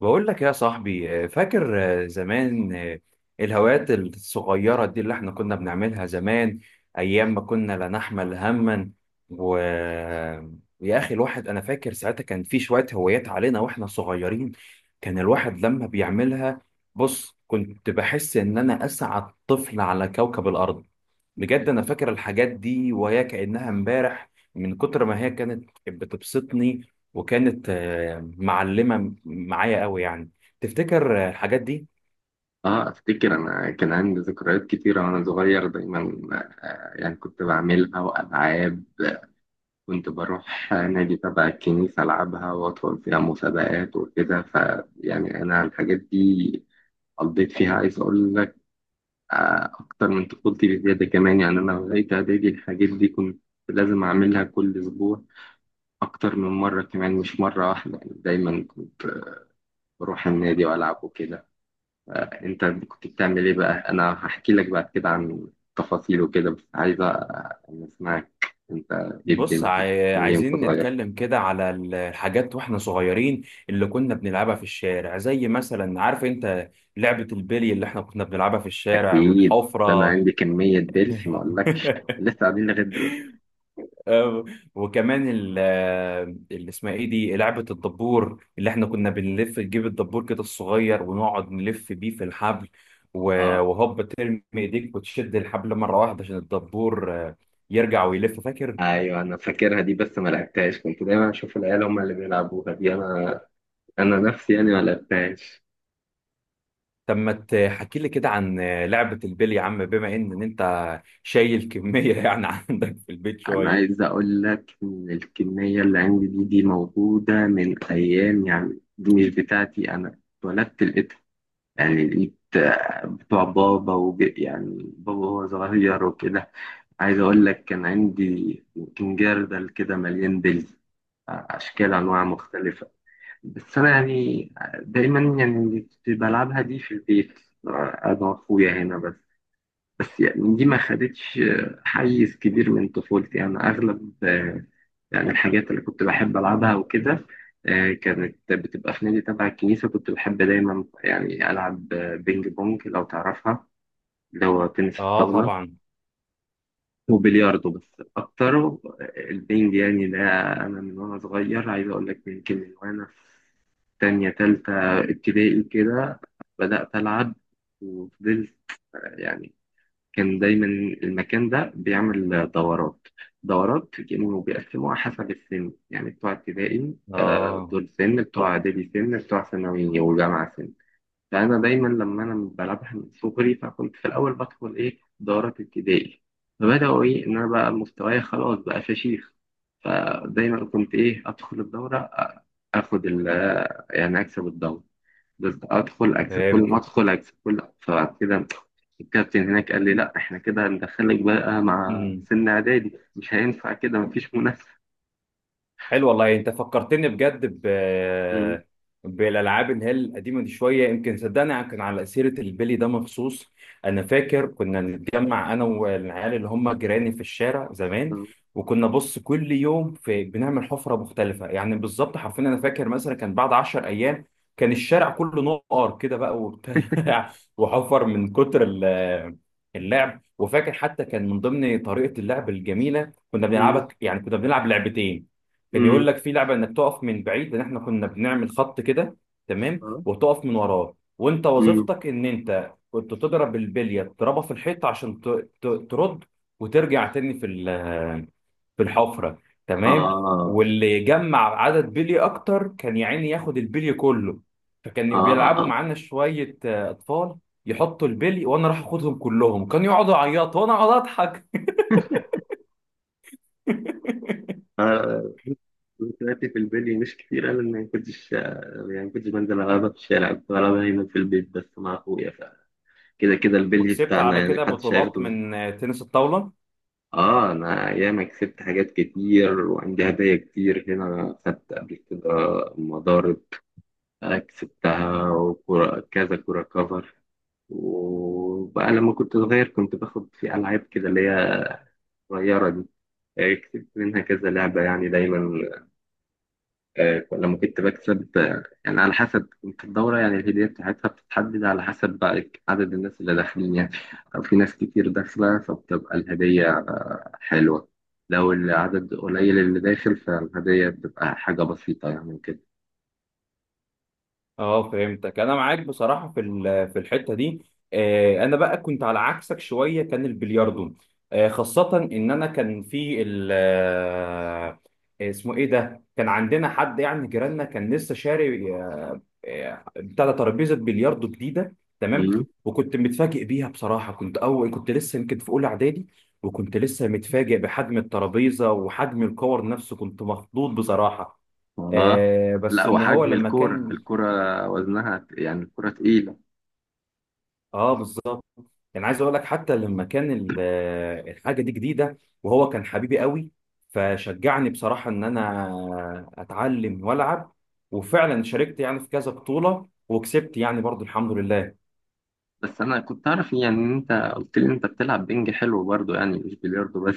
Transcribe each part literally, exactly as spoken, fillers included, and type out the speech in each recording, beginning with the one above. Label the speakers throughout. Speaker 1: بقول لك يا صاحبي، آه، فاكر، آه، زمان، آه، الهوايات الصغيرة دي اللي احنا كنا بنعملها زمان أيام ما كنا لا نحمل هما. و آه، يا أخي الواحد أنا فاكر ساعتها كان في شوية هوايات علينا وإحنا صغيرين. كان الواحد لما بيعملها، بص كنت بحس إن أنا أسعد طفل على كوكب الأرض. بجد انا فاكر الحاجات دي وهي كأنها امبارح من كتر ما هي كانت بتبسطني، وكانت آه، معلمة معايا قوي يعني. تفتكر آه، الحاجات دي؟
Speaker 2: اه افتكر انا كان عندي ذكريات كتيرة وانا صغير دايما. آه، يعني كنت بعملها والعاب. كنت بروح نادي تبع الكنيسة العبها وادخل فيها مسابقات وكده فيعني انا الحاجات دي قضيت فيها، عايز اقول لك، آه، اكتر من طفولتي بزيادة كمان. يعني انا لغاية اعدادي الحاجات دي كنت لازم اعملها كل اسبوع، اكتر من مرة كمان مش مرة واحدة. يعني دايما كنت بروح النادي والعب وكده. انت كنت بتعمل ايه بقى؟ انا هحكي لك بعد كده عن تفاصيل وكده بس عايز اسمعك انت. ايه الدنيا؟
Speaker 1: بص،
Speaker 2: كنت
Speaker 1: عاي-
Speaker 2: بتعمل ايه وانت
Speaker 1: عايزين
Speaker 2: صغير؟
Speaker 1: نتكلم كده على ال- الحاجات واحنا صغيرين، اللي كنا بنلعبها في الشارع، زي مثلا عارف انت لعبة البلي اللي احنا كنا بنلعبها في الشارع
Speaker 2: اكيد. ده انا
Speaker 1: والحفرة.
Speaker 2: عندي كمية بلش ما اقولكش لسه قاعدين لغايه دلوقتي.
Speaker 1: آه، وكمان ال- آه، اللي اسمها ايه دي، لعبة الدبور اللي احنا كنا بنلف نجيب الدبور كده الصغير ونقعد نلف بيه في الحبل، و-
Speaker 2: اه،
Speaker 1: وهوب ترمي ايديك وتشد الحبل مرة واحدة عشان الدبور آه، يرجع ويلف، فاكر؟
Speaker 2: ايوه انا فاكرها دي بس ما لعبتهاش. كنت دايما اشوف العيال هم اللي بيلعبوها دي، انا انا نفسي يعني ما لعبتهاش.
Speaker 1: طب ما تحكي لي كده عن آه، لعبة البلي يا عم، بما ان إن انت شايل كمية يعني عندك في البيت
Speaker 2: انا
Speaker 1: شوية.
Speaker 2: عايز اقول لك ان الكميه اللي عندي دي، دي موجوده من ايام. يعني دي مش بتاعتي، انا اتولدت يعني لقيت آه، بتوع بابا وج... يعني بابا وهو صغير وكده. عايز أقول لك كان عندي يمكن جردل كده مليان بلي، آه، أشكال أنواع مختلفة. بس أنا يعني، آه، دايما يعني كنت بلعبها دي في البيت، آه، أنا وأخويا هنا بس. بس يعني دي ما خدتش حيز كبير من طفولتي. يعني أغلب، آه، يعني الحاجات اللي كنت بحب ألعبها وكده، آه، كانت بتبقى في نادي تبع الكنيسة. كنت بحب دايما يعني ألعب آه، بينج بونج لو تعرفها، اللي هو تنس
Speaker 1: اه
Speaker 2: الطاولة،
Speaker 1: طبعا.
Speaker 2: وبلياردو. بس أكتر، آه، البينج يعني ده. أنا من وأنا صغير، عايز أقول لك يمكن من وأنا في تانية تالتة ابتدائي كده بدأت ألعب وفضلت. يعني كان دايما المكان ده بيعمل دورات دورات كانوا بيقسموها حسب السن. يعني بتوع ابتدائي آه،
Speaker 1: اه
Speaker 2: دول سن، بتوع اعدادي سن، بتوع ثانوي وجامعه سن. فانا دايما لما انا بلعبها من صغري، فكنت في الاول بدخل ايه دورات ابتدائي. فبداوا ايه ان انا بقى مستواي خلاص بقى فشيخ. فدايما كنت ايه ادخل الدوره، اخد ال يعني اكسب الدوره، بس ادخل اكسب، كل ما
Speaker 1: فهمت.
Speaker 2: ادخل اكسب، كل فبعد كده الكابتن هناك قال لي لا احنا كده هندخلك بقى مع سن اعدادي، مش هينفع كده مفيش منافسه.
Speaker 1: حلو والله، انت فكرتني بجد ب
Speaker 2: مم.
Speaker 1: بالالعاب اللي هي القديمه دي شويه، يمكن صدقني، كان على سيره البلي ده مخصوص. انا فاكر كنا نتجمع انا والعيال اللي هم جيراني في الشارع زمان، وكنا بص كل يوم في بنعمل حفره مختلفه، يعني بالظبط حرفيا انا فاكر مثلا كان بعد 10 ايام كان الشارع كله نقر كده بقى وبتاع وحفر من كتر ال- اللعب. وفاكر حتى كان من ضمن طريقه اللعب الجميله كنا
Speaker 2: مم.
Speaker 1: بنلعبها، يعني كنا بنلعب لعبتين. كان
Speaker 2: مم.
Speaker 1: يقول لك في لعبه انك تقف من بعيد، لان احنا كنا بنعمل خط كده تمام،
Speaker 2: اه.
Speaker 1: وتقف من وراه، وانت
Speaker 2: مم.
Speaker 1: وظيفتك ان انت كنت تضرب البليه، تضربها في الحيط عشان ت- ت- ترد وترجع تاني في ال- في الحفره. تمام،
Speaker 2: اه،
Speaker 1: واللي جمع عدد بلي اكتر كان يا عيني ياخد البلي كله. فكانوا بيلعبوا
Speaker 2: اه،
Speaker 1: معانا شويه آه، اطفال، يحطوا البلي وانا راح اخدهم كلهم، كانوا يقعدوا يعيطوا وانا اقعد اضحك.
Speaker 2: انا ذكرياتي في البلي مش كتير. انا ما كنتش يعني ما كنتش بنزل العبها في الشارع. كنت بلعبها هنا في البيت بس مع اخويا. فكده كده البلي
Speaker 1: وكسبت
Speaker 2: بتاعنا،
Speaker 1: على
Speaker 2: يعني
Speaker 1: كده
Speaker 2: محدش
Speaker 1: بطولات
Speaker 2: هياخده مني.
Speaker 1: من آه، تنس الطاوله.
Speaker 2: اه، انا ايام كسبت حاجات كتير وعندي هدايا كتير هنا خدت قبل كده. مضارب، آه، كسبتها، وكرة كذا، كرة كفر. وبقى لما كنت صغير كنت باخد في ألعاب كده اللي هي صغيرة دي، آه، كسبت منها كذا لعبة. يعني دايما، آه، لما كنت بكسب، آه، يعني على حسب كنت الدورة. يعني الهدية بتاعتها بتتحدد على حسب بقى عدد الناس اللي داخلين. يعني لو في ناس كتير داخلة فبتبقى الهدية آه، حلوة. لو العدد قليل اللي داخل فالهدية بتبقى حاجة بسيطة يعني.
Speaker 1: اه فهمتك، انا معاك بصراحه في ال- في الحته دي. آه، انا بقى كنت على عكسك شويه، كان البلياردو آه، خاصه ان انا كان في ال آه، اسمه ايه ده، كان عندنا حد يعني جيراننا كان لسه شاري آه، بتاع ده، ترابيزه بلياردو جديده. تمام،
Speaker 2: كده.
Speaker 1: وكنت متفاجئ بيها بصراحه، كنت اول كنت لسه يمكن في اولى اعدادي، وكنت لسه متفاجئ بحجم الترابيزه وحجم الكور نفسه، كنت مخضوض بصراحه.
Speaker 2: اه،
Speaker 1: آه، بس
Speaker 2: لا،
Speaker 1: ان هو
Speaker 2: وحجم
Speaker 1: لما
Speaker 2: الكوره
Speaker 1: كان،
Speaker 2: الكوره وزنها يعني، الكوره تقيله.
Speaker 1: اه بالظبط. يعني عايز اقول لك، حتى لما كان ال- الحاجه دي جديده وهو كان حبيبي قوي، فشجعني بصراحه ان انا اتعلم والعب، وفعلا شاركت يعني في كذا بطوله وكسبت يعني برضو، الحمد لله.
Speaker 2: بس انا كنت اعرف إيه، يعني ان انت قلت لي انت بتلعب بينج حلو برضو، يعني مش بلياردو بس.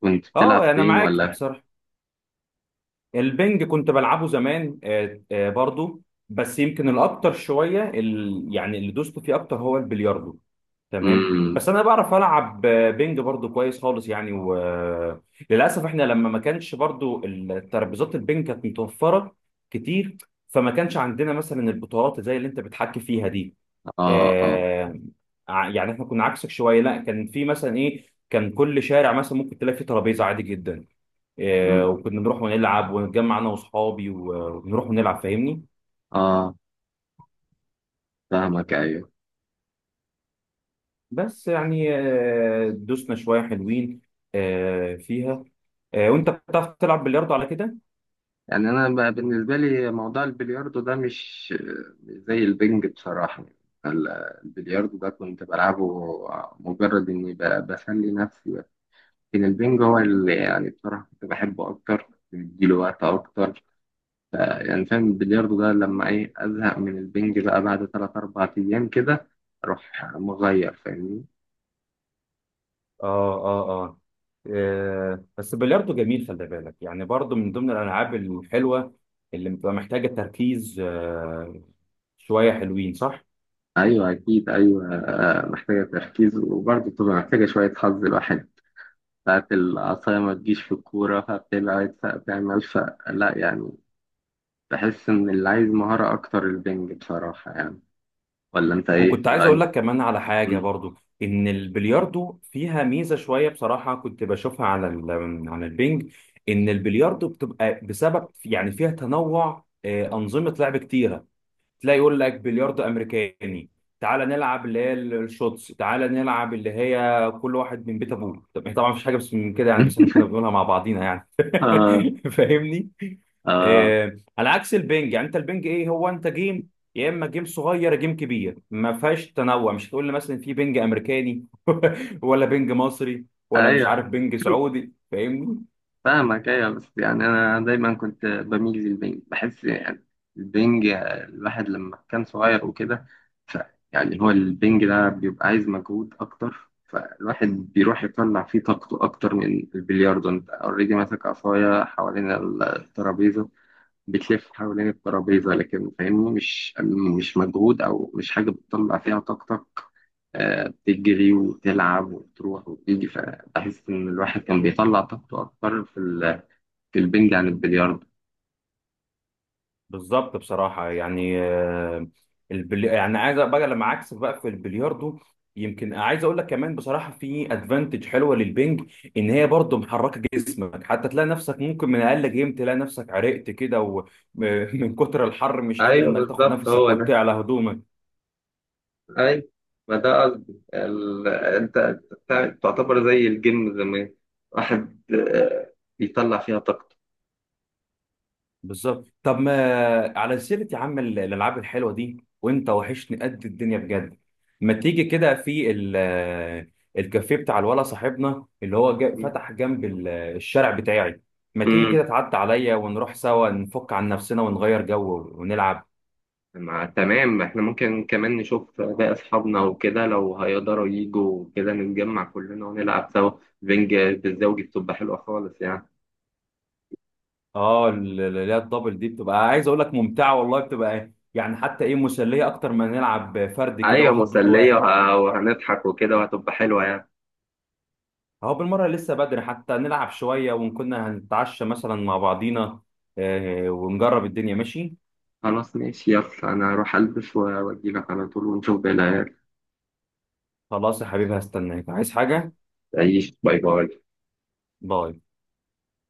Speaker 2: كنت بتلعب
Speaker 1: اه انا
Speaker 2: فين
Speaker 1: معاك
Speaker 2: ولا؟
Speaker 1: بصراحه، البنج كنت بلعبه زمان آه، آه، برضو، بس يمكن الاكتر شويه ال... يعني اللي دوست فيه اكتر هو البلياردو. تمام،
Speaker 2: امم.
Speaker 1: بس انا بعرف العب آه، بنج برضو كويس خالص يعني. وللاسف احنا لما ما كانش برضو الترابيزات البنج كانت متوفره كتير، فما كانش عندنا مثلا البطولات زي اللي انت بتحكي فيها دي.
Speaker 2: اه، اه.
Speaker 1: آه، ع- يعني احنا كنا عكسك شويه، لا كان في مثلا ايه، كان كل شارع مثلا ممكن تلاقي فيه ترابيزه عادي جدا، آه،
Speaker 2: مم.
Speaker 1: وكنا نروح ونلعب ونتجمع انا واصحابي و- ونروح ونلعب، فاهمني.
Speaker 2: اه، فاهمك ايوه.
Speaker 1: بس يعني آه، دوسنا شويه حلوين آه، فيها. آه، وانت بتعرف تلعب بلياردو على كده؟
Speaker 2: يعني انا ب- بالنسبه لي موضوع البلياردو ده مش مش زي البنج بصراحه. ال- البلياردو ده كنت بلعبه مجرد اني ب- بسلي نفسي. لكن البنج هو اللي يعني بصراحة كنت بحبه أكتر، بديله وقت أكتر يعني. فاهم؟ البلياردو ده لما إيه أزهق من البنج بقى بعد تلات أربع أيام كده أروح مغير فاهمني.
Speaker 1: اه، اه، اه. آه، بس البلياردو جميل، خلي بالك، يعني برضو من ضمن الالعاب الحلوه اللي بتبقى محتاجه تركيز آه، شويه حلوين، صح.
Speaker 2: أيوه أكيد. أيوه، آه، محتاجة تركيز وبرضه بتبقى محتاجة شوية حظ. الواحد ساعات العصاية ما تجيش في الكورة فبتبعد فبتعمل فلا يعني. بحس إن اللي عايز مهارة أكتر البنج بصراحة يعني. ولا أنت إيه
Speaker 1: وكنت عايز اقول
Speaker 2: رأيك؟
Speaker 1: لك كمان على حاجه برضو، ان البلياردو فيها ميزه شويه بصراحه كنت بشوفها على ال- على البنج، ان البلياردو بتبقى بسبب يعني فيها تنوع آه، انظمه لعب كتيره. تلاقي يقول لك بلياردو امريكاني، تعالى نلعب اللي هي الشوتس، تعالى نلعب اللي هي كل واحد من بيت ابوه. طب طبعا مفيش حاجه بس من كده يعني، بس احنا كنا بنقولها مع بعضينا يعني.
Speaker 2: آه.
Speaker 1: فاهمني.
Speaker 2: آه.
Speaker 1: آه على عكس البنج، يعني انت البنج ايه، هو انت جيم، يا اما جيم صغير يا جيم كبير، ما فيهاش تنوع، مش هتقول لي مثلا في بنج امريكاني ولا بنج مصري ولا مش عارف
Speaker 2: أيوه
Speaker 1: بنج سعودي، فاهمني.
Speaker 2: فاهمك ايوه. بس يعني انا دايما كنت بميل للبنج. بحس يعني البنج الواحد لما كان صغير وكده، ف يعني هو البنج ده بيبقى عايز مجهود اكتر، فالواحد بيروح يطلع فيه طاقته اكتر من البلياردو. انت اوريدي ماسك عصايه حوالين الترابيزه، بتلف حوالين الترابيزه، لكن فاهمني مش مش مجهود او مش حاجه بتطلع فيها طاقتك. آه، بتجري وتلعب وتروح وتيجي، فبحس ان الواحد كان بيطلع طاقته اكتر في البنج عن البلياردو.
Speaker 1: بالظبط بصراحة، يعني آه، البلي... يعني عايز بقى لما، عكس بقى في البلياردو يمكن عايز اقول لك كمان بصراحة في ادفانتج حلوة للبنج، ان هي برضو محركة جسمك، حتى تلاقي نفسك ممكن من اقل جيم تلاقي نفسك عرقت كده، ومن كتر الحر مش قادر
Speaker 2: ايوه
Speaker 1: انك تاخد
Speaker 2: بالظبط
Speaker 1: نفسك
Speaker 2: هو ده.
Speaker 1: وتعلى هدومك.
Speaker 2: ايوه، ما ده قصدي. ال... انت أنت بتاع- تعتبر زي الجيم زمان، واحد آه، بيطلع فيها طاقته.
Speaker 1: بالظبط. طب ما على سيرة يا عم ال- الألعاب الحلوة دي، وأنت وحشني قد الدنيا بجد، ما تيجي كده في ال- الكافيه بتاع الولا صاحبنا اللي هو جا- فتح جنب ال- الشارع بتاعي، ما تيجي
Speaker 2: امم.
Speaker 1: كده تعدي عليا ونروح سوا نفك عن نفسنا ونغير جو ونلعب.
Speaker 2: مع تمام، احنا ممكن كمان نشوف باقي اصحابنا وكده لو هيقدروا يجوا كده نتجمع كلنا ونلعب سوا. بنج بالزوجي بتبقى حلوه خالص يعني.
Speaker 1: اه ال- ال- اللي هي الدبل دي، بتبقى عايز أقول لك ممتعة والله، بتبقى يعني حتى إيه، مسلية أكتر ما نلعب فرد كده
Speaker 2: ايوه
Speaker 1: واحد ضد
Speaker 2: مسليه،
Speaker 1: واحد.
Speaker 2: وه- وهنضحك وكده وهتبقى حلوه يعني.
Speaker 1: اهو بالمرة لسه بدري، حتى نلعب شوية وكنا هنتعشى مثلا مع بعضينا، آه، ونجرب الدنيا، ماشي.
Speaker 2: خلاص ماشي، يلا انا هروح البس واجيلك على طول ونشوف بقى.
Speaker 1: خلاص يا حبيبي، هستناك. عايز حاجة؟
Speaker 2: تعيش. باي باي.
Speaker 1: باي.